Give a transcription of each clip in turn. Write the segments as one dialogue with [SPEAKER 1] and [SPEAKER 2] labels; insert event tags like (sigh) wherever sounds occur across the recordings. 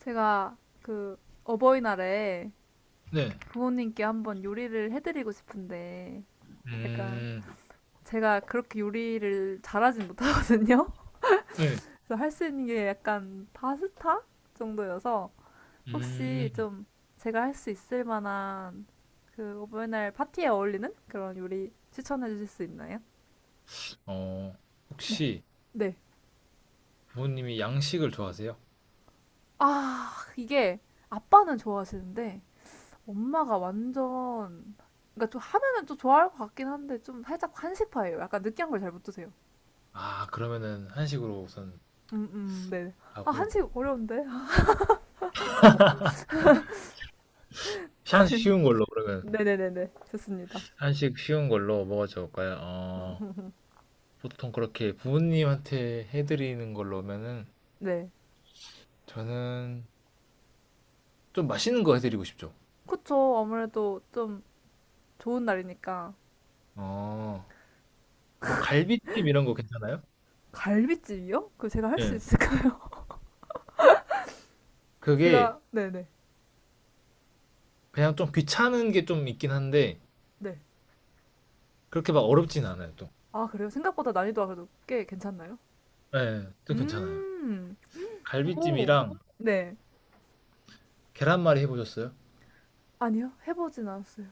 [SPEAKER 1] 제가 그 어버이날에
[SPEAKER 2] 네.
[SPEAKER 1] 부모님께 한번 요리를 해드리고 싶은데 약간
[SPEAKER 2] 음,
[SPEAKER 1] 제가 그렇게 요리를 잘하진 못하거든요.
[SPEAKER 2] 네.
[SPEAKER 1] (laughs) 그래서 할 수 있는 게 약간 파스타 정도여서 혹시
[SPEAKER 2] 음,
[SPEAKER 1] 좀 제가 할 수 있을 만한 그 어버이날 파티에 어울리는 그런 요리 추천해 주실 수 있나요?
[SPEAKER 2] 어,
[SPEAKER 1] 네.
[SPEAKER 2] 혹시
[SPEAKER 1] 네.
[SPEAKER 2] 부모님이 양식을 좋아하세요?
[SPEAKER 1] 아, 이게 아빠는 좋아하시는데 엄마가 완전 그러니까 좀 하면은 좀 좋아할 것 같긴 한데 좀 살짝 한식파예요. 약간 느끼한 걸 잘 못 드세요.
[SPEAKER 2] 아, 그러면은 한식으로 우선
[SPEAKER 1] 네. 아,
[SPEAKER 2] 하고.
[SPEAKER 1] 한식 어려운데. (laughs)
[SPEAKER 2] 한식 쉬운 걸로, 그러면.
[SPEAKER 1] 네네네네. 좋습니다.
[SPEAKER 2] 한식 쉬운 걸로 뭐가 좋을까요? 보통 그렇게 부모님한테 해드리는 걸로면은
[SPEAKER 1] 네.
[SPEAKER 2] 저는 좀 맛있는 거 해드리고 싶죠.
[SPEAKER 1] 그쵸. 아무래도 좀 좋은 날이니까.
[SPEAKER 2] 어, 뭐 갈비찜 이런 거 괜찮아요?
[SPEAKER 1] 갈비찜이요? 그럼 제가 할 수
[SPEAKER 2] 네.
[SPEAKER 1] 있을까요? (laughs)
[SPEAKER 2] 그게
[SPEAKER 1] 제가, 네네.
[SPEAKER 2] 그냥 좀 귀찮은 게 좀 있긴 한데
[SPEAKER 1] 네.
[SPEAKER 2] 그렇게 막 어렵진 않아요, 또.
[SPEAKER 1] 아, 그래요? 생각보다 난이도가 그래도 꽤 괜찮나요?
[SPEAKER 2] 네, 또 괜찮아요.
[SPEAKER 1] 음, 오,
[SPEAKER 2] 갈비찜이랑
[SPEAKER 1] 네.
[SPEAKER 2] 계란말이 해보셨어요?
[SPEAKER 1] 아니요. 해보진 않았어요.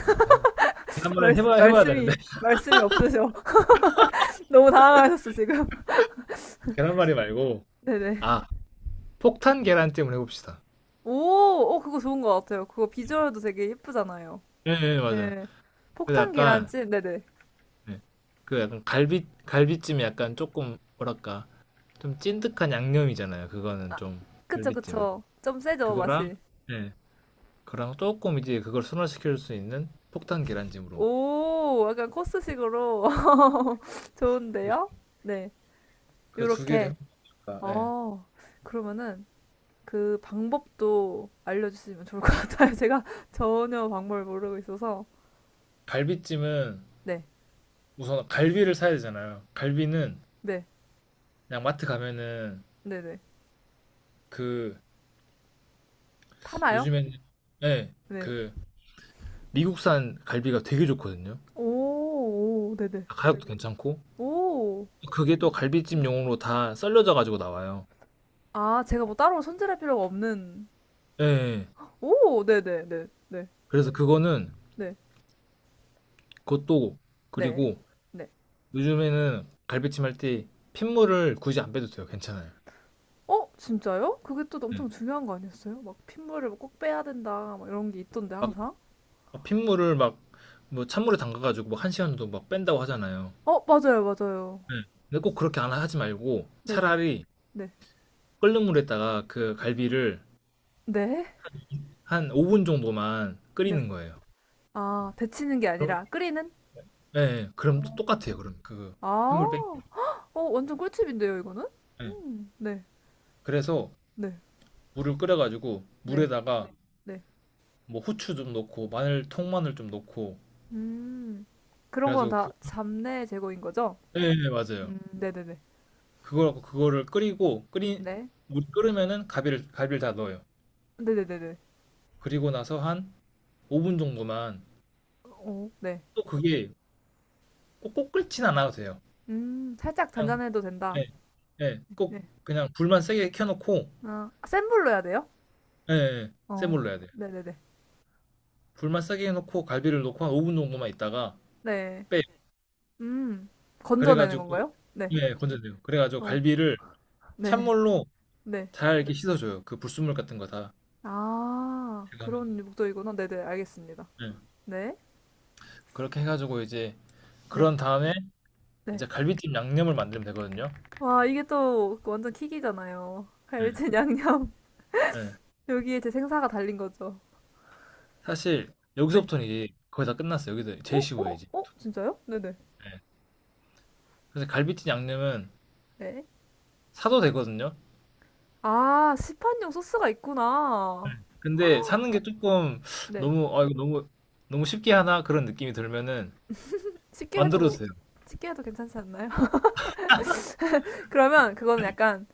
[SPEAKER 2] 아, 그래.
[SPEAKER 1] (laughs)
[SPEAKER 2] 계란말이
[SPEAKER 1] 말씀,
[SPEAKER 2] 해봐야 되는데.
[SPEAKER 1] 말씀이,
[SPEAKER 2] (laughs)
[SPEAKER 1] 말씀이 없으셔. (laughs) 너무 당황하셨어, 지금.
[SPEAKER 2] 계란말이 말고
[SPEAKER 1] (laughs) 네네.
[SPEAKER 2] 아 폭탄 계란찜을 해봅시다.
[SPEAKER 1] 오, 어, 그거 좋은 것 같아요. 그거 비주얼도 되게 예쁘잖아요.
[SPEAKER 2] 예, 예, 맞아요.
[SPEAKER 1] 네.
[SPEAKER 2] 그래서
[SPEAKER 1] 폭탄
[SPEAKER 2] 약간,
[SPEAKER 1] 계란찜, 네네.
[SPEAKER 2] 예. 그 약간 갈비찜이 약간 조금, 뭐랄까, 좀 찐득한 양념이잖아요. 그거는
[SPEAKER 1] 아,
[SPEAKER 2] 좀,
[SPEAKER 1] 그쵸,
[SPEAKER 2] 갈비찜은.
[SPEAKER 1] 그쵸. 좀 세죠,
[SPEAKER 2] 그거랑,
[SPEAKER 1] 맛이.
[SPEAKER 2] 예, 그랑 조금 이제 그걸 순화시킬 수 있는 폭탄 계란찜으로.
[SPEAKER 1] 오, 약간 코스식으로. (laughs) 좋은데요? 네.
[SPEAKER 2] 그 두 개를
[SPEAKER 1] 요렇게.
[SPEAKER 2] 해볼까? 예.
[SPEAKER 1] 어, 그러면은 그 방법도 알려주시면 좋을 것 같아요. (laughs) 제가 전혀 방법을 모르고 있어서.
[SPEAKER 2] 갈비찜은
[SPEAKER 1] 네,
[SPEAKER 2] 우선 갈비를 사야 되잖아요. 갈비는
[SPEAKER 1] 네,
[SPEAKER 2] 그냥 마트 가면은
[SPEAKER 1] 네네.
[SPEAKER 2] 그
[SPEAKER 1] 파나요?
[SPEAKER 2] 요즘에는 예,
[SPEAKER 1] 네.
[SPEAKER 2] 그 미국산 갈비가 되게 좋거든요.
[SPEAKER 1] 오, 오, 네네.
[SPEAKER 2] 가격도 괜찮고
[SPEAKER 1] 오.
[SPEAKER 2] 그게 또 갈비찜용으로 다 썰려져 가지고 나와요.
[SPEAKER 1] 아, 제가 뭐 따로 손질할 필요가 없는
[SPEAKER 2] 예. 예.
[SPEAKER 1] 오, 네네네, 네, 네,
[SPEAKER 2] 그래서 그거는
[SPEAKER 1] 네, 네.
[SPEAKER 2] 그것도
[SPEAKER 1] 네,
[SPEAKER 2] 그리고
[SPEAKER 1] 네.
[SPEAKER 2] 요즘에는 갈비찜 할 때 핏물을 굳이 안 빼도 돼요. 괜찮아요.
[SPEAKER 1] 어, 진짜요? 그게 또
[SPEAKER 2] 예.
[SPEAKER 1] 엄청 중요한 거 아니었어요? 막 핏물을 꼭 빼야 된다, 막 이런 게 있던데, 항상.
[SPEAKER 2] 막 핏물을 막 뭐 찬물에 담가 가지고 막 한 시간 정도 막 뺀다고 하잖아요.
[SPEAKER 1] 어, 맞아요, 맞아요.
[SPEAKER 2] 예. 근데 꼭 그렇게 안 하지 말고
[SPEAKER 1] 네네,
[SPEAKER 2] 차라리
[SPEAKER 1] 네,
[SPEAKER 2] 끓는 물에다가 그 갈비를
[SPEAKER 1] 네, 네.
[SPEAKER 2] 한 5분 정도만
[SPEAKER 1] 네.
[SPEAKER 2] 끓이는 거예요.
[SPEAKER 1] 아, 데치는 게 아니라 끓이는?
[SPEAKER 2] 예. 예. 그럼 또 똑같아요 그럼 그
[SPEAKER 1] 아,
[SPEAKER 2] 핏물 빼기.
[SPEAKER 1] 헉, 어, 완전 꿀팁인데요, 이거는?
[SPEAKER 2] 예.
[SPEAKER 1] 네,
[SPEAKER 2] 그래서
[SPEAKER 1] 네,
[SPEAKER 2] 물을 끓여 가지고
[SPEAKER 1] 네,
[SPEAKER 2] 물에다가
[SPEAKER 1] 네.
[SPEAKER 2] 뭐 후추 좀 넣고 마늘 통마늘 좀 넣고
[SPEAKER 1] 음, 그런
[SPEAKER 2] 그래
[SPEAKER 1] 건
[SPEAKER 2] 가지고
[SPEAKER 1] 다
[SPEAKER 2] 그
[SPEAKER 1] 잡내 제거인 거죠?
[SPEAKER 2] 예예 맞아요.
[SPEAKER 1] 네네네,
[SPEAKER 2] 그거를 끓이고 끓인
[SPEAKER 1] 네,
[SPEAKER 2] 물이 끓으면은 가비를 갈비를 다 넣어요.
[SPEAKER 1] 네네네네.
[SPEAKER 2] 그리고 나서 한 5분 정도만
[SPEAKER 1] 오, 네. 네, 네, 네. 어? 네.
[SPEAKER 2] 또 그게 꼭꼭 끓진 않아도 돼요.
[SPEAKER 1] 살짝
[SPEAKER 2] 그냥
[SPEAKER 1] 잔잔해도 된다.
[SPEAKER 2] 예 예. 꼭
[SPEAKER 1] 네.
[SPEAKER 2] 그냥 불만 세게 켜 놓고
[SPEAKER 1] 아, 센 불로 해야 돼요?
[SPEAKER 2] 예예. 센
[SPEAKER 1] 어,
[SPEAKER 2] 불로 해야 돼요.
[SPEAKER 1] 네네네.
[SPEAKER 2] 불만 세게 해 놓고 갈비를 넣고 한 5분 정도만 있다가
[SPEAKER 1] 네.
[SPEAKER 2] 빼요.
[SPEAKER 1] 음,
[SPEAKER 2] 그래
[SPEAKER 1] 건져내는
[SPEAKER 2] 가지고
[SPEAKER 1] 건가요? 네.
[SPEAKER 2] 예 건져내요. 그래 가지고
[SPEAKER 1] 어,
[SPEAKER 2] 갈비를
[SPEAKER 1] 네.
[SPEAKER 2] 찬물로
[SPEAKER 1] 네.
[SPEAKER 2] 잘 이렇게 씻어줘요. 그 불순물 같은 거 다
[SPEAKER 1] 아,
[SPEAKER 2] 제거하면.
[SPEAKER 1] 그런 목적이구나. 네네, 알겠습니다.
[SPEAKER 2] 예.
[SPEAKER 1] 네.
[SPEAKER 2] 그렇게 해 가지고 이제
[SPEAKER 1] 네.
[SPEAKER 2] 그런 다음에
[SPEAKER 1] 네.
[SPEAKER 2] 이제 갈비찜 양념을 만들면 되거든요.
[SPEAKER 1] 와, 이게 또 완전 킥이잖아요. 갈비찜
[SPEAKER 2] 예.
[SPEAKER 1] 양념.
[SPEAKER 2] 예.
[SPEAKER 1] (laughs) 여기에 제 생사가 달린 거죠.
[SPEAKER 2] 사실
[SPEAKER 1] 네.
[SPEAKER 2] 여기서부터는 이제 거의 다 끝났어요. 여기서
[SPEAKER 1] 어,
[SPEAKER 2] 제일 쉬워요
[SPEAKER 1] 어,
[SPEAKER 2] 이제.
[SPEAKER 1] 어? 진짜요? 네네.
[SPEAKER 2] 예. 그래서 갈비찜 양념은
[SPEAKER 1] 네.
[SPEAKER 2] 사도 되거든요.
[SPEAKER 1] 아, 시판용 소스가 있구나.
[SPEAKER 2] 근데 사는 게 조금
[SPEAKER 1] 네.
[SPEAKER 2] 너무 '아 이거 너무 너무 쉽게 하나?' 그런 느낌이 들면은
[SPEAKER 1] 쉽게
[SPEAKER 2] 만들어도
[SPEAKER 1] 해도,
[SPEAKER 2] 돼요.
[SPEAKER 1] 쉽게 해도 괜찮지 않나요? (laughs) 그러면 그거는 약간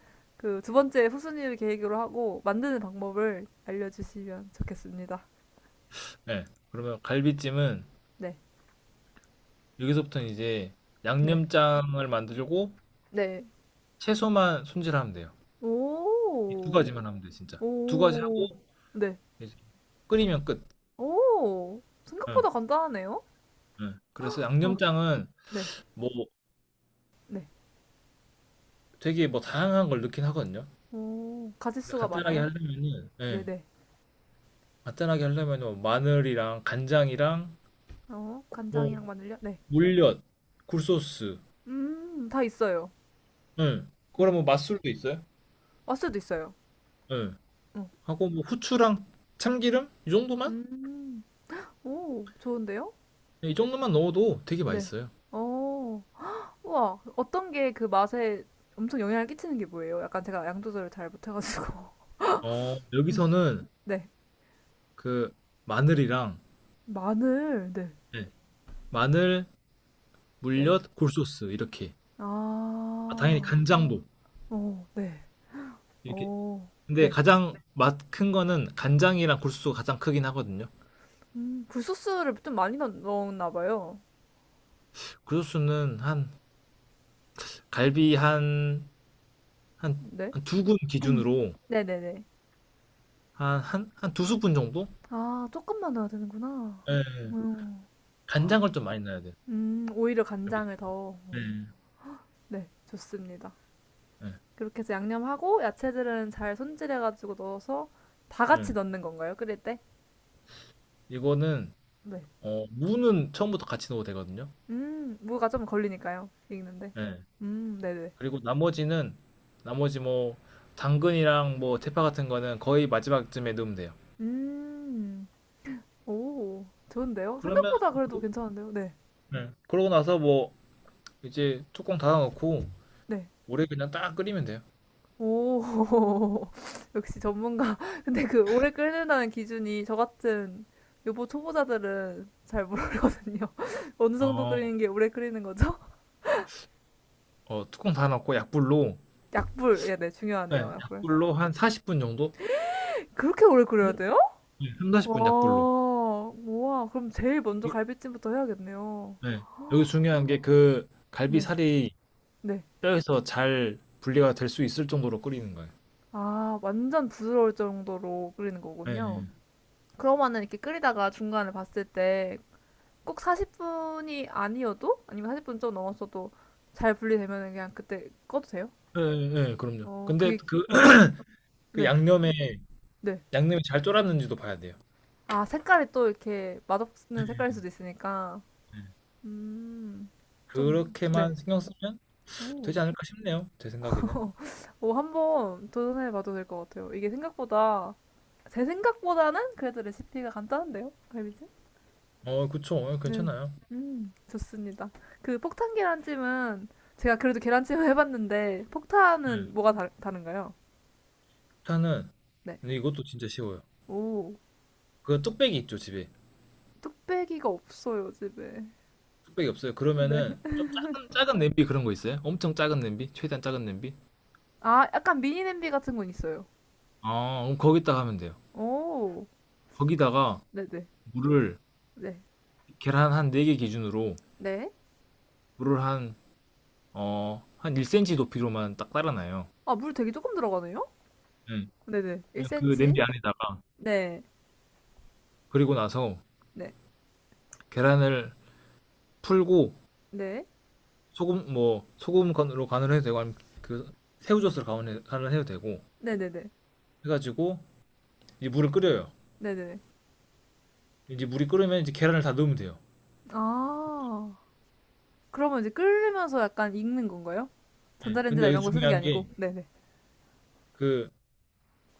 [SPEAKER 1] 그 두 번째 후순위를 계으로 하고 만드는 방법을 알려주시면 좋겠습니다.
[SPEAKER 2] 예. 그러면 갈비찜은
[SPEAKER 1] 네,
[SPEAKER 2] 여기서부터는 이제
[SPEAKER 1] 네,
[SPEAKER 2] 양념장을 만들고
[SPEAKER 1] 네.
[SPEAKER 2] 채소만 손질하면 돼요. 이두
[SPEAKER 1] 오,
[SPEAKER 2] 가지만 하면 돼, 진짜. 두 가지 하고
[SPEAKER 1] 오, 네.
[SPEAKER 2] 이제 끓이면 끝.
[SPEAKER 1] 오,
[SPEAKER 2] 응,
[SPEAKER 1] 생각보다 간단하네요.
[SPEAKER 2] 응. 그래서
[SPEAKER 1] 어,
[SPEAKER 2] 양념장은
[SPEAKER 1] 네,
[SPEAKER 2] 뭐
[SPEAKER 1] 네.
[SPEAKER 2] 되게 뭐 다양한 걸 넣긴 하거든요.
[SPEAKER 1] 오,
[SPEAKER 2] 근데
[SPEAKER 1] 가짓수가
[SPEAKER 2] 간단하게
[SPEAKER 1] 많아요?
[SPEAKER 2] 하려면은,
[SPEAKER 1] 네,
[SPEAKER 2] 예,
[SPEAKER 1] 네.
[SPEAKER 2] 간단하게 하려면은 뭐 마늘이랑 간장이랑
[SPEAKER 1] 어,
[SPEAKER 2] 뭐
[SPEAKER 1] 간장이랑 마늘요? 네.
[SPEAKER 2] 물엿, 굴소스,
[SPEAKER 1] 다 있어요.
[SPEAKER 2] 응.
[SPEAKER 1] 네.
[SPEAKER 2] 그거랑 뭐 맛술도 있어요.
[SPEAKER 1] 맛술도 있어요.
[SPEAKER 2] 응.
[SPEAKER 1] 어.
[SPEAKER 2] 하고 뭐 후추랑 참기름 이 정도만?
[SPEAKER 1] 음, 오, 좋은데요?
[SPEAKER 2] 예, 이 정도만 넣어도 되게
[SPEAKER 1] 네.
[SPEAKER 2] 맛있어요.
[SPEAKER 1] 어, 우와, 어떤 게 그 맛에 엄청 영향을 끼치는 게 뭐예요? 약간 제가 양 조절을 잘 못해가지고. (laughs) 음,
[SPEAKER 2] 여기서는
[SPEAKER 1] 네.
[SPEAKER 2] 그 마늘이랑
[SPEAKER 1] 마늘, 네.
[SPEAKER 2] 네, 마늘,
[SPEAKER 1] 네.
[SPEAKER 2] 물엿, 굴소스 이렇게. 아, 당연히
[SPEAKER 1] 아,
[SPEAKER 2] 간장도
[SPEAKER 1] 오, 네.
[SPEAKER 2] 이렇게.
[SPEAKER 1] 오,
[SPEAKER 2] 근데
[SPEAKER 1] 네.
[SPEAKER 2] 가장 맛 큰 거는 간장이랑 굴소스가 가장 크긴 하거든요.
[SPEAKER 1] 굴소스를 좀 많이 넣었나 봐요.
[SPEAKER 2] 굴소스는 한 갈비 한
[SPEAKER 1] 네.
[SPEAKER 2] 한 두 군 기준으로
[SPEAKER 1] 네네네.
[SPEAKER 2] 한 두 스푼 정도?
[SPEAKER 1] 아, 조금만 넣어야 되는구나.
[SPEAKER 2] 예. 예.
[SPEAKER 1] 음,
[SPEAKER 2] 간장을 좀 많이 넣어야 돼요.
[SPEAKER 1] 오히려 간장을 더.
[SPEAKER 2] 예.
[SPEAKER 1] 네, 좋습니다.
[SPEAKER 2] 예.
[SPEAKER 1] 그렇게 해서 양념하고 야채들은 잘 손질해가지고 넣어서 다
[SPEAKER 2] 예.
[SPEAKER 1] 같이 넣는 건가요? 끓일 때?
[SPEAKER 2] 이거는
[SPEAKER 1] 네.
[SPEAKER 2] 무는 처음부터 같이 넣어도 되거든요.
[SPEAKER 1] 음. 무가 좀 걸리니까요. 읽는데.
[SPEAKER 2] 예.
[SPEAKER 1] 음. 네네.
[SPEAKER 2] 그리고 나머지 뭐 당근이랑 뭐 대파 같은 거는 거의 마지막쯤에 넣으면 돼요.
[SPEAKER 1] 음. 오. 좋은데요?
[SPEAKER 2] 그러면
[SPEAKER 1] 생각보다 그래도
[SPEAKER 2] 그-
[SPEAKER 1] 괜찮은데요? 네.
[SPEAKER 2] 네. 그러고 나서 뭐 이제 뚜껑 닫아놓고
[SPEAKER 1] 네.
[SPEAKER 2] 오래 그냥 딱 끓이면 돼요.
[SPEAKER 1] 오. (laughs) 역시 전문가. 근데 그 오래 끓는다는 기준이 저 같은 요보 초보자들은 잘 모르거든요. (laughs) 어느 정도
[SPEAKER 2] 어,
[SPEAKER 1] 끓이는 게 오래 끓이는 거죠?
[SPEAKER 2] 뚜껑 닫아놓고 약불로
[SPEAKER 1] (laughs) 약불. 예, 네.
[SPEAKER 2] 네,
[SPEAKER 1] 중요하네요. 약불.
[SPEAKER 2] 약불로 한 40분 정도?
[SPEAKER 1] 그렇게 오래 끓여야 돼요?
[SPEAKER 2] 네, 3,
[SPEAKER 1] 와.
[SPEAKER 2] 40분 약불로.
[SPEAKER 1] 우와. 그럼 제일 먼저 갈비찜부터 해야겠네요.
[SPEAKER 2] 네. 여기 중요한 게 그
[SPEAKER 1] 네.
[SPEAKER 2] 갈비살이
[SPEAKER 1] 네.
[SPEAKER 2] 뼈에서 잘 분리가 될 수 있을 정도로 끓이는 거예요.
[SPEAKER 1] 아, 완전 부드러울 정도로 끓이는
[SPEAKER 2] 네,
[SPEAKER 1] 거군요. 그러면은 이렇게 끓이다가 중간에 봤을 때 꼭 40분이 아니어도 아니면 40분 좀 넘었어도 잘 분리되면은 그냥 그때 꺼도 돼요?
[SPEAKER 2] 네, 네, 네, 그럼요.
[SPEAKER 1] 어,
[SPEAKER 2] 근데
[SPEAKER 1] 그게 어,
[SPEAKER 2] 그
[SPEAKER 1] 네,
[SPEAKER 2] 양념에
[SPEAKER 1] 네.
[SPEAKER 2] 양념이 잘 졸았는지도 봐야 돼요.
[SPEAKER 1] 아, 색깔이 또 이렇게 맛없는 색깔일 수도 있으니까 음, 좀 네.
[SPEAKER 2] 그렇게만 신경 쓰면
[SPEAKER 1] 오,
[SPEAKER 2] 되지 않을까 싶네요. 제 생각에는.
[SPEAKER 1] (laughs) 오, 한번 도전해봐도 될 것 같아요. 이게 생각보다 제 생각보다는 그래도 레시피가 간단한데요, 갈비찜?
[SPEAKER 2] 그쵸.
[SPEAKER 1] 네.
[SPEAKER 2] 괜찮아요.
[SPEAKER 1] 좋습니다. 그 폭탄 계란찜은 제가 그래도 계란찜을 해봤는데 폭탄은
[SPEAKER 2] 네.
[SPEAKER 1] 뭐가 다른가요?
[SPEAKER 2] 일단은
[SPEAKER 1] 네.
[SPEAKER 2] 근데 이것도 진짜 쉬워요.
[SPEAKER 1] 오,
[SPEAKER 2] 그 뚝배기 있죠, 집에.
[SPEAKER 1] 뚝배기가 없어요, 집에.
[SPEAKER 2] 뚝배기 없어요. 그러면은
[SPEAKER 1] 네.
[SPEAKER 2] 좀 작은 작은 냄비 그런 거 있어요? 엄청 작은 냄비? 최대한 작은 냄비?
[SPEAKER 1] 아, 약간 미니 냄비 같은 건 있어요.
[SPEAKER 2] 아, 그럼 거기다가 하면 돼요.
[SPEAKER 1] 오,
[SPEAKER 2] 거기다가
[SPEAKER 1] 네네.
[SPEAKER 2] 물을
[SPEAKER 1] 네.
[SPEAKER 2] 계란 한 4개 기준으로
[SPEAKER 1] 네.
[SPEAKER 2] 물을 한 1cm 높이로만 딱 따라놔요.
[SPEAKER 1] 아, 물 되게 조금 들어가네요?
[SPEAKER 2] 네.
[SPEAKER 1] 네네.
[SPEAKER 2] 그냥 그 냄비
[SPEAKER 1] 1cm.
[SPEAKER 2] 안에다가
[SPEAKER 1] 네.
[SPEAKER 2] 그리고 나서
[SPEAKER 1] 네.
[SPEAKER 2] 계란을 풀고
[SPEAKER 1] 네.
[SPEAKER 2] 소금 뭐 소금 간으로 간을 해도 되고 아니면 그 새우젓으로 간을 해도 되고
[SPEAKER 1] 네네네.
[SPEAKER 2] 해가지고 이제 물을 끓여요.
[SPEAKER 1] 네네네.
[SPEAKER 2] 이제 물이 끓으면 이제 계란을 다 넣으면 돼요.
[SPEAKER 1] 아, 그러면 이제 끓으면서 약간 익는 건가요?
[SPEAKER 2] 예. 근데
[SPEAKER 1] 전자레인지나
[SPEAKER 2] 여기
[SPEAKER 1] 이런 거 쓰는 게
[SPEAKER 2] 중요한 게
[SPEAKER 1] 아니고. 네네.
[SPEAKER 2] 그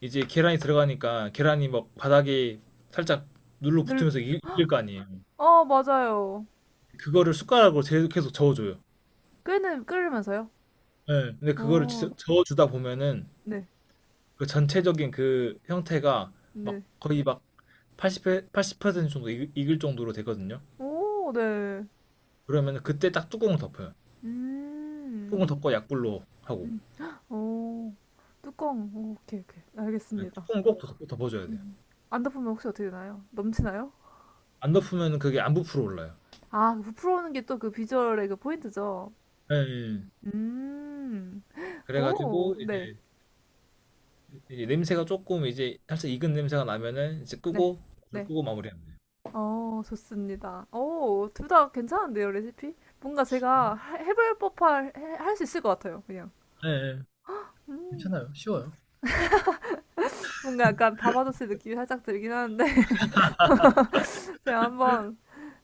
[SPEAKER 2] 이제 계란이 들어가니까 계란이 막 바닥에 살짝 눌러
[SPEAKER 1] 늘
[SPEAKER 2] 붙으면서 익을 거 아니에요.
[SPEAKER 1] 어, 맞아요.
[SPEAKER 2] 그거를 숟가락으로 계속 계속 저어줘요.
[SPEAKER 1] 끓는, 끓으면서요?
[SPEAKER 2] 예. 근데 그거를
[SPEAKER 1] 오,
[SPEAKER 2] 저어주다 보면은
[SPEAKER 1] 네,
[SPEAKER 2] 그 전체적인 그 형태가 막
[SPEAKER 1] 네.
[SPEAKER 2] 거의 막 80, 80% 정도 익을 정도로 되거든요.
[SPEAKER 1] 오, 네.
[SPEAKER 2] 그러면 그때 딱 뚜껑을 덮어요. 통
[SPEAKER 1] 음,
[SPEAKER 2] 을 덮고 약불로 하고
[SPEAKER 1] 헉, 오, 뚜껑. 오, 오케이, 오케이.
[SPEAKER 2] 네,
[SPEAKER 1] 알겠습니다.
[SPEAKER 2] 껑을 꼭 덮- 고 덮어줘야 돼요.
[SPEAKER 1] 음. 안 덮으면 혹시 어떻게 되나요? 넘치나요?
[SPEAKER 2] 안 덮으면 그게 안 부풀어 올라요.
[SPEAKER 1] 아, 그 부풀어오는 게 또 그 비주얼의 그 포인트죠.
[SPEAKER 2] 예, 예.
[SPEAKER 1] 음, 오,
[SPEAKER 2] 그래가지고
[SPEAKER 1] 네,
[SPEAKER 2] 이제 냄새가 조금 이제 살짝 익은 냄새가 나면은 이제
[SPEAKER 1] 네,
[SPEAKER 2] 끄고 불
[SPEAKER 1] 네.
[SPEAKER 2] 끄고 마무리하면 돼요.
[SPEAKER 1] 어, 좋습니다. 오, 둘 다 괜찮은데요, 레시피? 뭔가 제가 해볼 법할, 할 수 있을 것 같아요, 그냥.
[SPEAKER 2] 네,
[SPEAKER 1] 음.
[SPEAKER 2] 괜찮아요. 쉬워요.
[SPEAKER 1] 뭔가 약간 밤아저씨 느낌이 살짝 들긴 하는데 (laughs) 제가 한번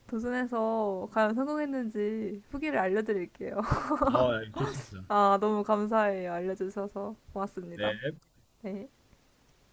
[SPEAKER 1] 도전해서 과연 성공했는지 후기를 알려드릴게요.
[SPEAKER 2] 아, 예, 좋습니다.
[SPEAKER 1] (laughs) 아, 너무 감사해요. 알려주셔서 고맙습니다.
[SPEAKER 2] 네.
[SPEAKER 1] 네.